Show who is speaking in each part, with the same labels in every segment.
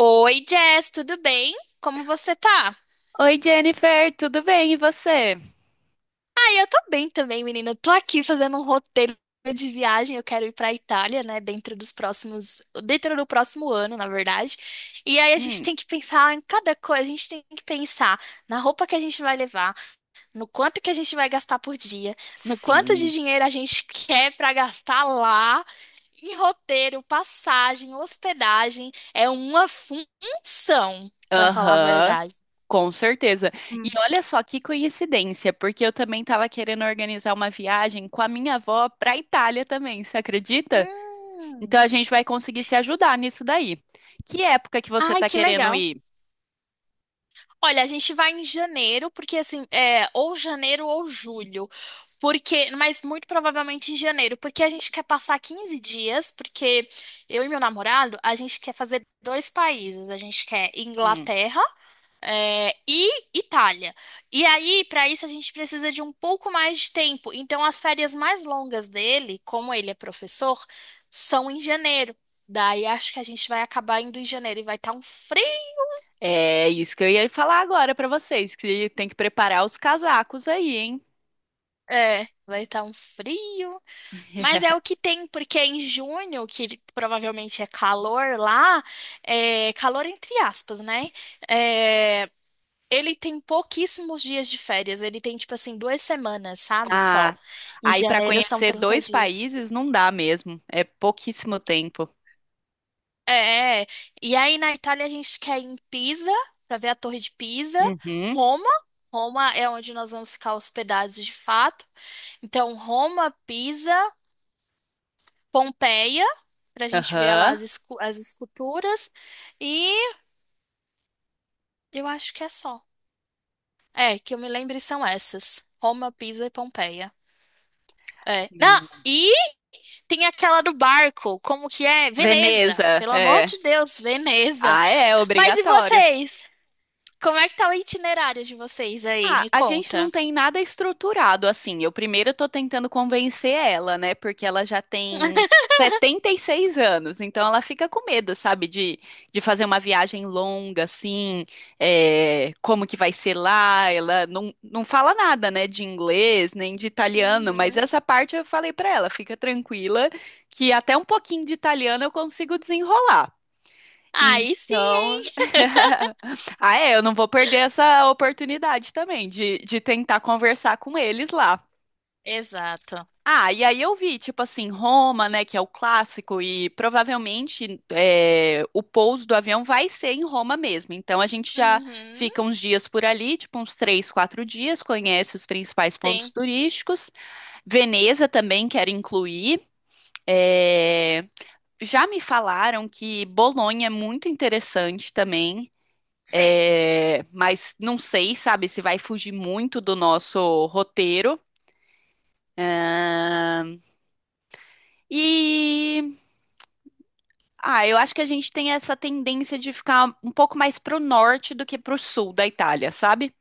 Speaker 1: Oi, Jess, tudo bem? Como você tá?
Speaker 2: Oi, Jennifer, tudo bem? E você?
Speaker 1: Ah, eu tô bem também, menina. Eu tô aqui fazendo um roteiro de viagem. Eu quero ir pra Itália, né? Dentro do próximo ano, na verdade. E aí a gente
Speaker 2: Hum,
Speaker 1: tem que pensar em cada coisa. A gente tem que pensar na roupa que a gente vai levar, no quanto que a gente vai gastar por dia, no quanto de
Speaker 2: sim.
Speaker 1: dinheiro a gente quer pra gastar lá. Em roteiro, passagem, hospedagem, é uma função, pra falar a
Speaker 2: Aham,
Speaker 1: verdade.
Speaker 2: com certeza. E olha só que coincidência, porque eu também estava querendo organizar uma viagem com a minha avó para Itália também, você acredita? Então
Speaker 1: Hum.
Speaker 2: a gente vai conseguir se ajudar nisso daí. Que época que você
Speaker 1: Ai,
Speaker 2: está
Speaker 1: que
Speaker 2: querendo
Speaker 1: legal.
Speaker 2: ir?
Speaker 1: Olha, a gente vai em janeiro, porque assim, é, ou janeiro ou julho. Porque, mas muito provavelmente em janeiro, porque a gente quer passar 15 dias, porque eu e meu namorado, a gente quer fazer dois países, a gente quer
Speaker 2: Hum,
Speaker 1: Inglaterra, é, e Itália. E aí, para isso, a gente precisa de um pouco mais de tempo. Então, as férias mais longas dele, como ele é professor, são em janeiro. Daí acho que a gente vai acabar indo em janeiro e vai estar um frio.
Speaker 2: é isso que eu ia falar agora para vocês, que tem que preparar os casacos aí, hein?
Speaker 1: É, vai estar um frio, mas é o que tem, porque é em junho, que provavelmente é calor lá, é calor entre aspas, né? É, ele tem pouquíssimos dias de férias, ele tem tipo assim 2 semanas, sabe? Só.
Speaker 2: Ah,
Speaker 1: Em
Speaker 2: aí para
Speaker 1: janeiro são
Speaker 2: conhecer
Speaker 1: 30
Speaker 2: dois
Speaker 1: dias.
Speaker 2: países não dá mesmo, é pouquíssimo tempo.
Speaker 1: É, e aí na Itália a gente quer ir em Pisa, para ver a Torre de Pisa,
Speaker 2: Uhum.
Speaker 1: Roma. Roma é onde nós vamos ficar hospedados de fato. Então, Roma, Pisa. Pompeia, pra gente ver lá
Speaker 2: Aham.
Speaker 1: as, as esculturas. E eu acho que é só. É, que eu me lembre são essas: Roma, Pisa e Pompeia. É. Não,
Speaker 2: Hum.
Speaker 1: e tem aquela do barco, como que é? Veneza.
Speaker 2: Veneza,
Speaker 1: Pelo amor
Speaker 2: é.
Speaker 1: de Deus, Veneza.
Speaker 2: Ah, é
Speaker 1: Mas e
Speaker 2: obrigatório.
Speaker 1: vocês? Como é que tá o itinerário de vocês aí?
Speaker 2: Ah,
Speaker 1: Me
Speaker 2: a gente não
Speaker 1: conta.
Speaker 2: tem nada estruturado assim. Eu primeiro tô tentando convencer ela, né? Porque ela já tem 76 anos, então ela fica com medo, sabe? De fazer uma viagem longa, assim, é, como que vai ser lá. Ela não fala nada, né? De inglês, nem de italiano, mas
Speaker 1: Uhum.
Speaker 2: essa parte eu falei pra ela, fica tranquila, que até um pouquinho de italiano eu consigo desenrolar.
Speaker 1: Aí sim, hein?
Speaker 2: Então, ah, é, eu não vou perder essa oportunidade também de tentar conversar com eles lá.
Speaker 1: Exato.
Speaker 2: Ah, e aí eu vi, tipo assim, Roma, né, que é o clássico, e provavelmente é, o pouso do avião vai ser em Roma mesmo. Então a gente já
Speaker 1: Uhum.
Speaker 2: fica uns dias por ali, tipo uns três, quatro dias, conhece os principais pontos
Speaker 1: Sim,
Speaker 2: turísticos. Veneza também quero incluir. É, já me falaram que Bolonha é muito interessante também.
Speaker 1: sim.
Speaker 2: É, mas não sei, sabe, se vai fugir muito do nosso roteiro. Ahn, e ah, eu acho que a gente tem essa tendência de ficar um pouco mais pro norte do que pro sul da Itália, sabe?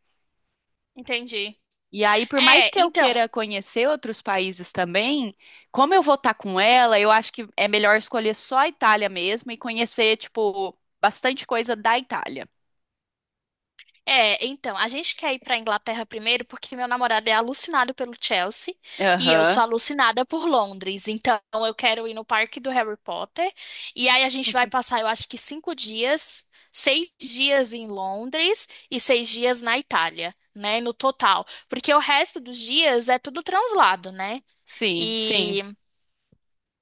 Speaker 1: Entendi.
Speaker 2: E aí, por mais
Speaker 1: É,
Speaker 2: que eu
Speaker 1: então.
Speaker 2: queira conhecer outros países também, como eu vou estar com ela, eu acho que é melhor escolher só a Itália mesmo e conhecer, tipo, bastante coisa da Itália.
Speaker 1: É, então, a gente quer ir pra Inglaterra primeiro porque meu namorado é alucinado pelo Chelsea e eu
Speaker 2: Aham,
Speaker 1: sou alucinada por Londres. Então, eu quero ir no parque do Harry Potter e aí a gente vai passar, eu acho que 5 dias, 6 dias em Londres e 6 dias na Itália, né, no total. Porque o resto dos dias é tudo translado, né?
Speaker 2: sim, sim.
Speaker 1: E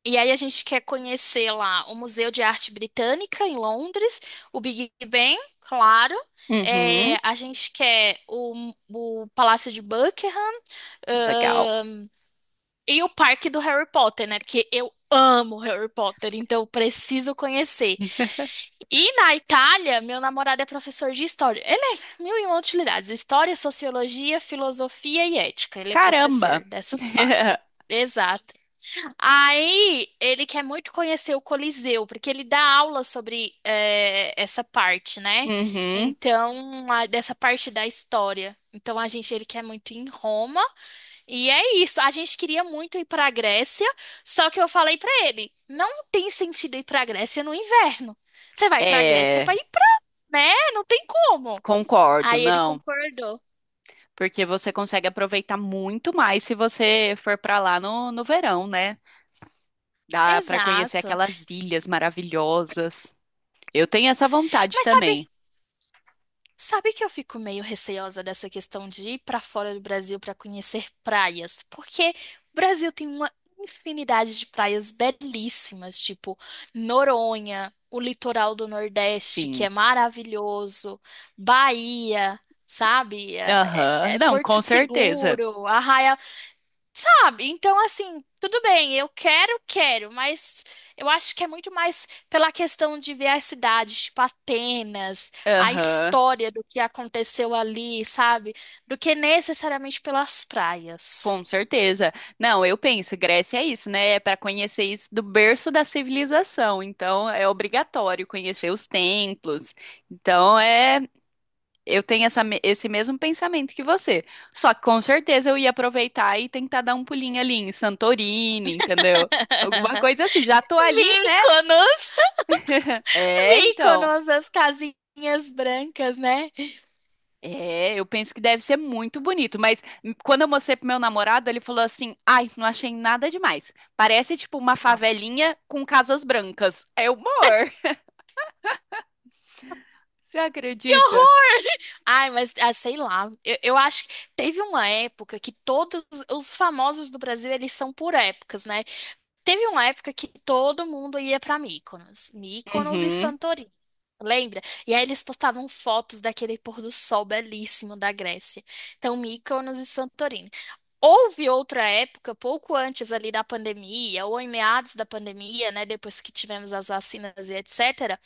Speaker 1: e aí a gente quer conhecer lá o Museu de Arte Britânica em Londres, o Big Ben, claro. É,
Speaker 2: Uhum,
Speaker 1: a gente quer o Palácio de Buckingham,
Speaker 2: legal.
Speaker 1: ahn, e o Parque do Harry Potter, né? Porque eu amo Harry Potter, então eu preciso conhecer. E na Itália, meu namorado é professor de história. Ele é mil e uma utilidades: história, sociologia, filosofia e ética. Ele é
Speaker 2: Caramba!
Speaker 1: professor dessas quatro. Exato. Aí ele quer muito conhecer o Coliseu, porque ele dá aula sobre essa parte, né?
Speaker 2: Uhum.
Speaker 1: Então, dessa parte da história. Então, a gente, ele quer muito ir em Roma, e é isso. A gente queria muito ir para a Grécia, só que eu falei para ele: não tem sentido ir para a Grécia no inverno. Você vai para a Grécia
Speaker 2: É,
Speaker 1: para ir pra, né? Não tem como.
Speaker 2: concordo,
Speaker 1: Aí ele
Speaker 2: não.
Speaker 1: concordou.
Speaker 2: Porque você consegue aproveitar muito mais se você for para lá no verão, né? Dá para conhecer
Speaker 1: Exato.
Speaker 2: aquelas ilhas maravilhosas. Eu tenho essa vontade
Speaker 1: Mas
Speaker 2: também.
Speaker 1: sabe Sabe que eu fico meio receosa dessa questão de ir para fora do Brasil para conhecer praias, porque o Brasil tem uma infinidade de praias belíssimas, tipo Noronha, o litoral do Nordeste, que
Speaker 2: Sim.
Speaker 1: é maravilhoso, Bahia, sabe? É
Speaker 2: Aham.
Speaker 1: é
Speaker 2: Não,
Speaker 1: Porto
Speaker 2: com certeza.
Speaker 1: Seguro, sabe? Então, assim, tudo bem, eu quero, quero, mas eu, acho que é muito mais pela questão de ver a cidade, tipo Atenas, a
Speaker 2: Aham.
Speaker 1: história do que aconteceu ali, sabe? Do que necessariamente pelas praias.
Speaker 2: Com certeza. Não, eu penso, Grécia é isso, né? É para conhecer isso do berço da civilização. Então, é. Obrigatório conhecer os templos. Então, é Eu tenho esse mesmo pensamento que você. Só que com certeza eu ia aproveitar e tentar dar um pulinho ali em Santorini, entendeu? Alguma coisa assim. Já tô ali, né?
Speaker 1: Míconos,
Speaker 2: É, então.
Speaker 1: Míconos, as casinhas brancas, né?
Speaker 2: É, eu penso que deve ser muito bonito. Mas quando eu mostrei pro meu namorado, ele falou assim: Ai, não achei nada demais. Parece tipo uma
Speaker 1: Nossa.
Speaker 2: favelinha com casas brancas. É humor. Você
Speaker 1: Que
Speaker 2: acredita?
Speaker 1: horror! Ai, mas ah, sei lá, eu acho que teve uma época que todos os famosos do Brasil, eles são por épocas, né? Teve uma época que todo mundo ia para Mykonos, Mykonos e
Speaker 2: Uhum.
Speaker 1: Santorini. Lembra? E aí eles postavam fotos daquele pôr do sol belíssimo da Grécia. Então, Mykonos e Santorini. Houve outra época, pouco antes ali da pandemia, ou em meados da pandemia, né, depois que tivemos as vacinas e etc,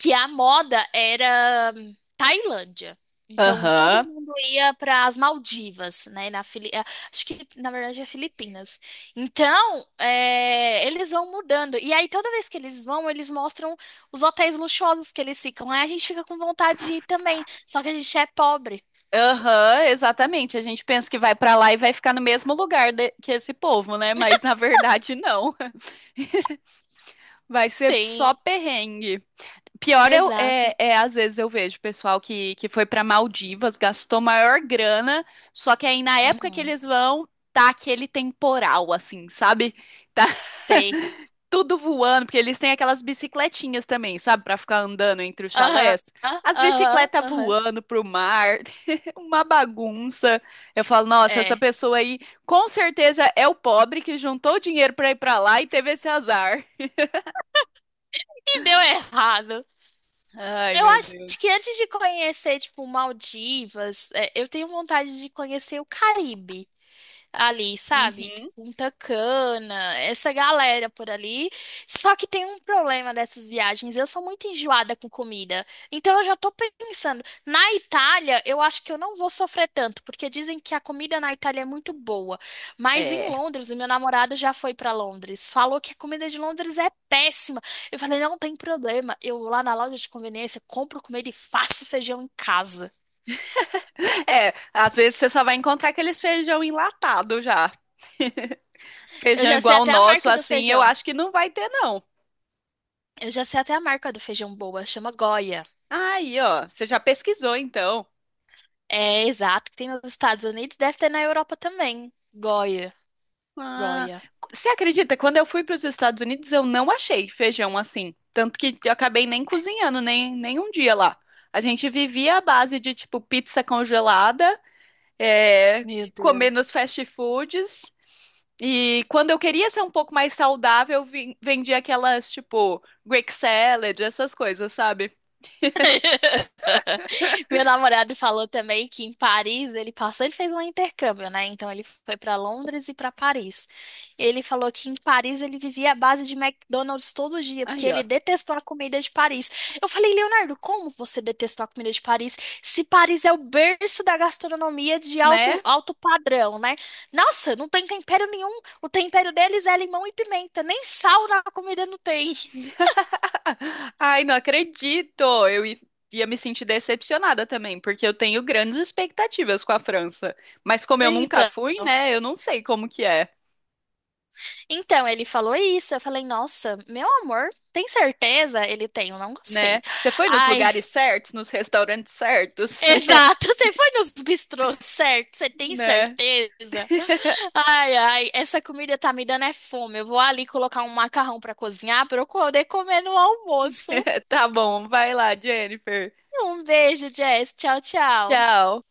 Speaker 1: que a moda era Tailândia. Então todo
Speaker 2: Aham.
Speaker 1: mundo ia para as Maldivas, né? Acho que na verdade é Filipinas. Então é, eles vão mudando. E aí toda vez que eles vão, eles mostram os hotéis luxuosos que eles ficam. Aí a gente fica com vontade de ir também. Só que a gente é pobre.
Speaker 2: Aham, exatamente. A gente pensa que vai pra lá e vai ficar no mesmo lugar que esse povo, né? Mas na verdade não. Vai ser só
Speaker 1: Sim,
Speaker 2: perrengue. Pior
Speaker 1: exato.
Speaker 2: às vezes eu vejo pessoal que foi pra Maldivas, gastou maior grana, só que aí na época que
Speaker 1: Uhum.
Speaker 2: eles vão, tá aquele temporal, assim, sabe? Tá
Speaker 1: Sei.
Speaker 2: tudo voando, porque eles têm aquelas bicicletinhas também, sabe, pra ficar andando entre os
Speaker 1: Aham,
Speaker 2: chalés. As
Speaker 1: aham,
Speaker 2: bicicletas
Speaker 1: aham.
Speaker 2: voando pro mar, uma bagunça. Eu falo, nossa, essa
Speaker 1: É.
Speaker 2: pessoa aí com certeza é o pobre que juntou o dinheiro pra ir pra lá e teve esse azar.
Speaker 1: E deu errado.
Speaker 2: Ai,
Speaker 1: Eu
Speaker 2: meu
Speaker 1: acho
Speaker 2: Deus.
Speaker 1: que antes de conhecer, tipo, Maldivas, é, eu tenho vontade de conhecer o Caribe ali, sabe?
Speaker 2: Uhum.
Speaker 1: Punta Cana, essa galera por ali. Só que tem um problema dessas viagens, eu sou muito enjoada com comida. Então eu já tô pensando, na Itália, eu acho que eu não vou sofrer tanto, porque dizem que a comida na Itália é muito boa. Mas em
Speaker 2: É.
Speaker 1: Londres, o meu namorado já foi pra Londres, falou que a comida de Londres é péssima. Eu falei, não tem problema, eu vou lá na loja de conveniência, compro comida e faço feijão em casa.
Speaker 2: É, às vezes você só vai encontrar aqueles feijão enlatado já.
Speaker 1: Eu
Speaker 2: Feijão
Speaker 1: já sei
Speaker 2: igual o
Speaker 1: até a
Speaker 2: nosso,
Speaker 1: marca do
Speaker 2: assim, eu
Speaker 1: feijão.
Speaker 2: acho que não vai ter, não.
Speaker 1: Eu já sei até a marca do feijão boa, chama Goya.
Speaker 2: Aí, ó, você já pesquisou então.
Speaker 1: É, exato, que tem nos Estados Unidos, deve ter na Europa também. Goya,
Speaker 2: Ah,
Speaker 1: Goya.
Speaker 2: você acredita? Quando eu fui para os Estados Unidos, eu não achei feijão assim. Tanto que eu acabei nem cozinhando, nem um dia lá. A gente vivia à base de, tipo, pizza congelada, é,
Speaker 1: Meu
Speaker 2: comer nos
Speaker 1: Deus.
Speaker 2: fast foods. E quando eu queria ser um pouco mais saudável, eu vendia aquelas, tipo, Greek salad, essas coisas, sabe?
Speaker 1: Meu namorado falou também que em Paris ele passou, ele fez um intercâmbio, né? Então ele foi para Londres e para Paris. Ele falou que em Paris ele vivia à base de McDonald's todo dia, porque
Speaker 2: Aí, ó,
Speaker 1: ele detestou a comida de Paris. Eu falei, Leonardo, como você detestou a comida de Paris? Se Paris é o berço da gastronomia de alto,
Speaker 2: né?
Speaker 1: alto padrão, né? Nossa, não tem tempero nenhum. O tempero deles é limão e pimenta, nem sal na comida não tem.
Speaker 2: Ai, não acredito! Eu i- Ia me sentir decepcionada também, porque eu tenho grandes expectativas com a França. Mas como eu nunca
Speaker 1: Então.
Speaker 2: fui, né? Eu não sei como que é,
Speaker 1: Então, ele falou isso. Eu falei, nossa, meu amor, tem certeza? Ele tem, eu não gostei.
Speaker 2: né? Você foi nos
Speaker 1: Ai,
Speaker 2: lugares certos, nos restaurantes certos,
Speaker 1: exato, você foi nos bistrôs, certo? Você tem
Speaker 2: né?
Speaker 1: certeza? Ai, ai, essa comida tá me dando é fome. Eu vou ali colocar um macarrão pra cozinhar pra eu poder comer no almoço.
Speaker 2: Tá bom, vai lá, Jennifer.
Speaker 1: Um beijo, Jess. Tchau, tchau.
Speaker 2: Tchau.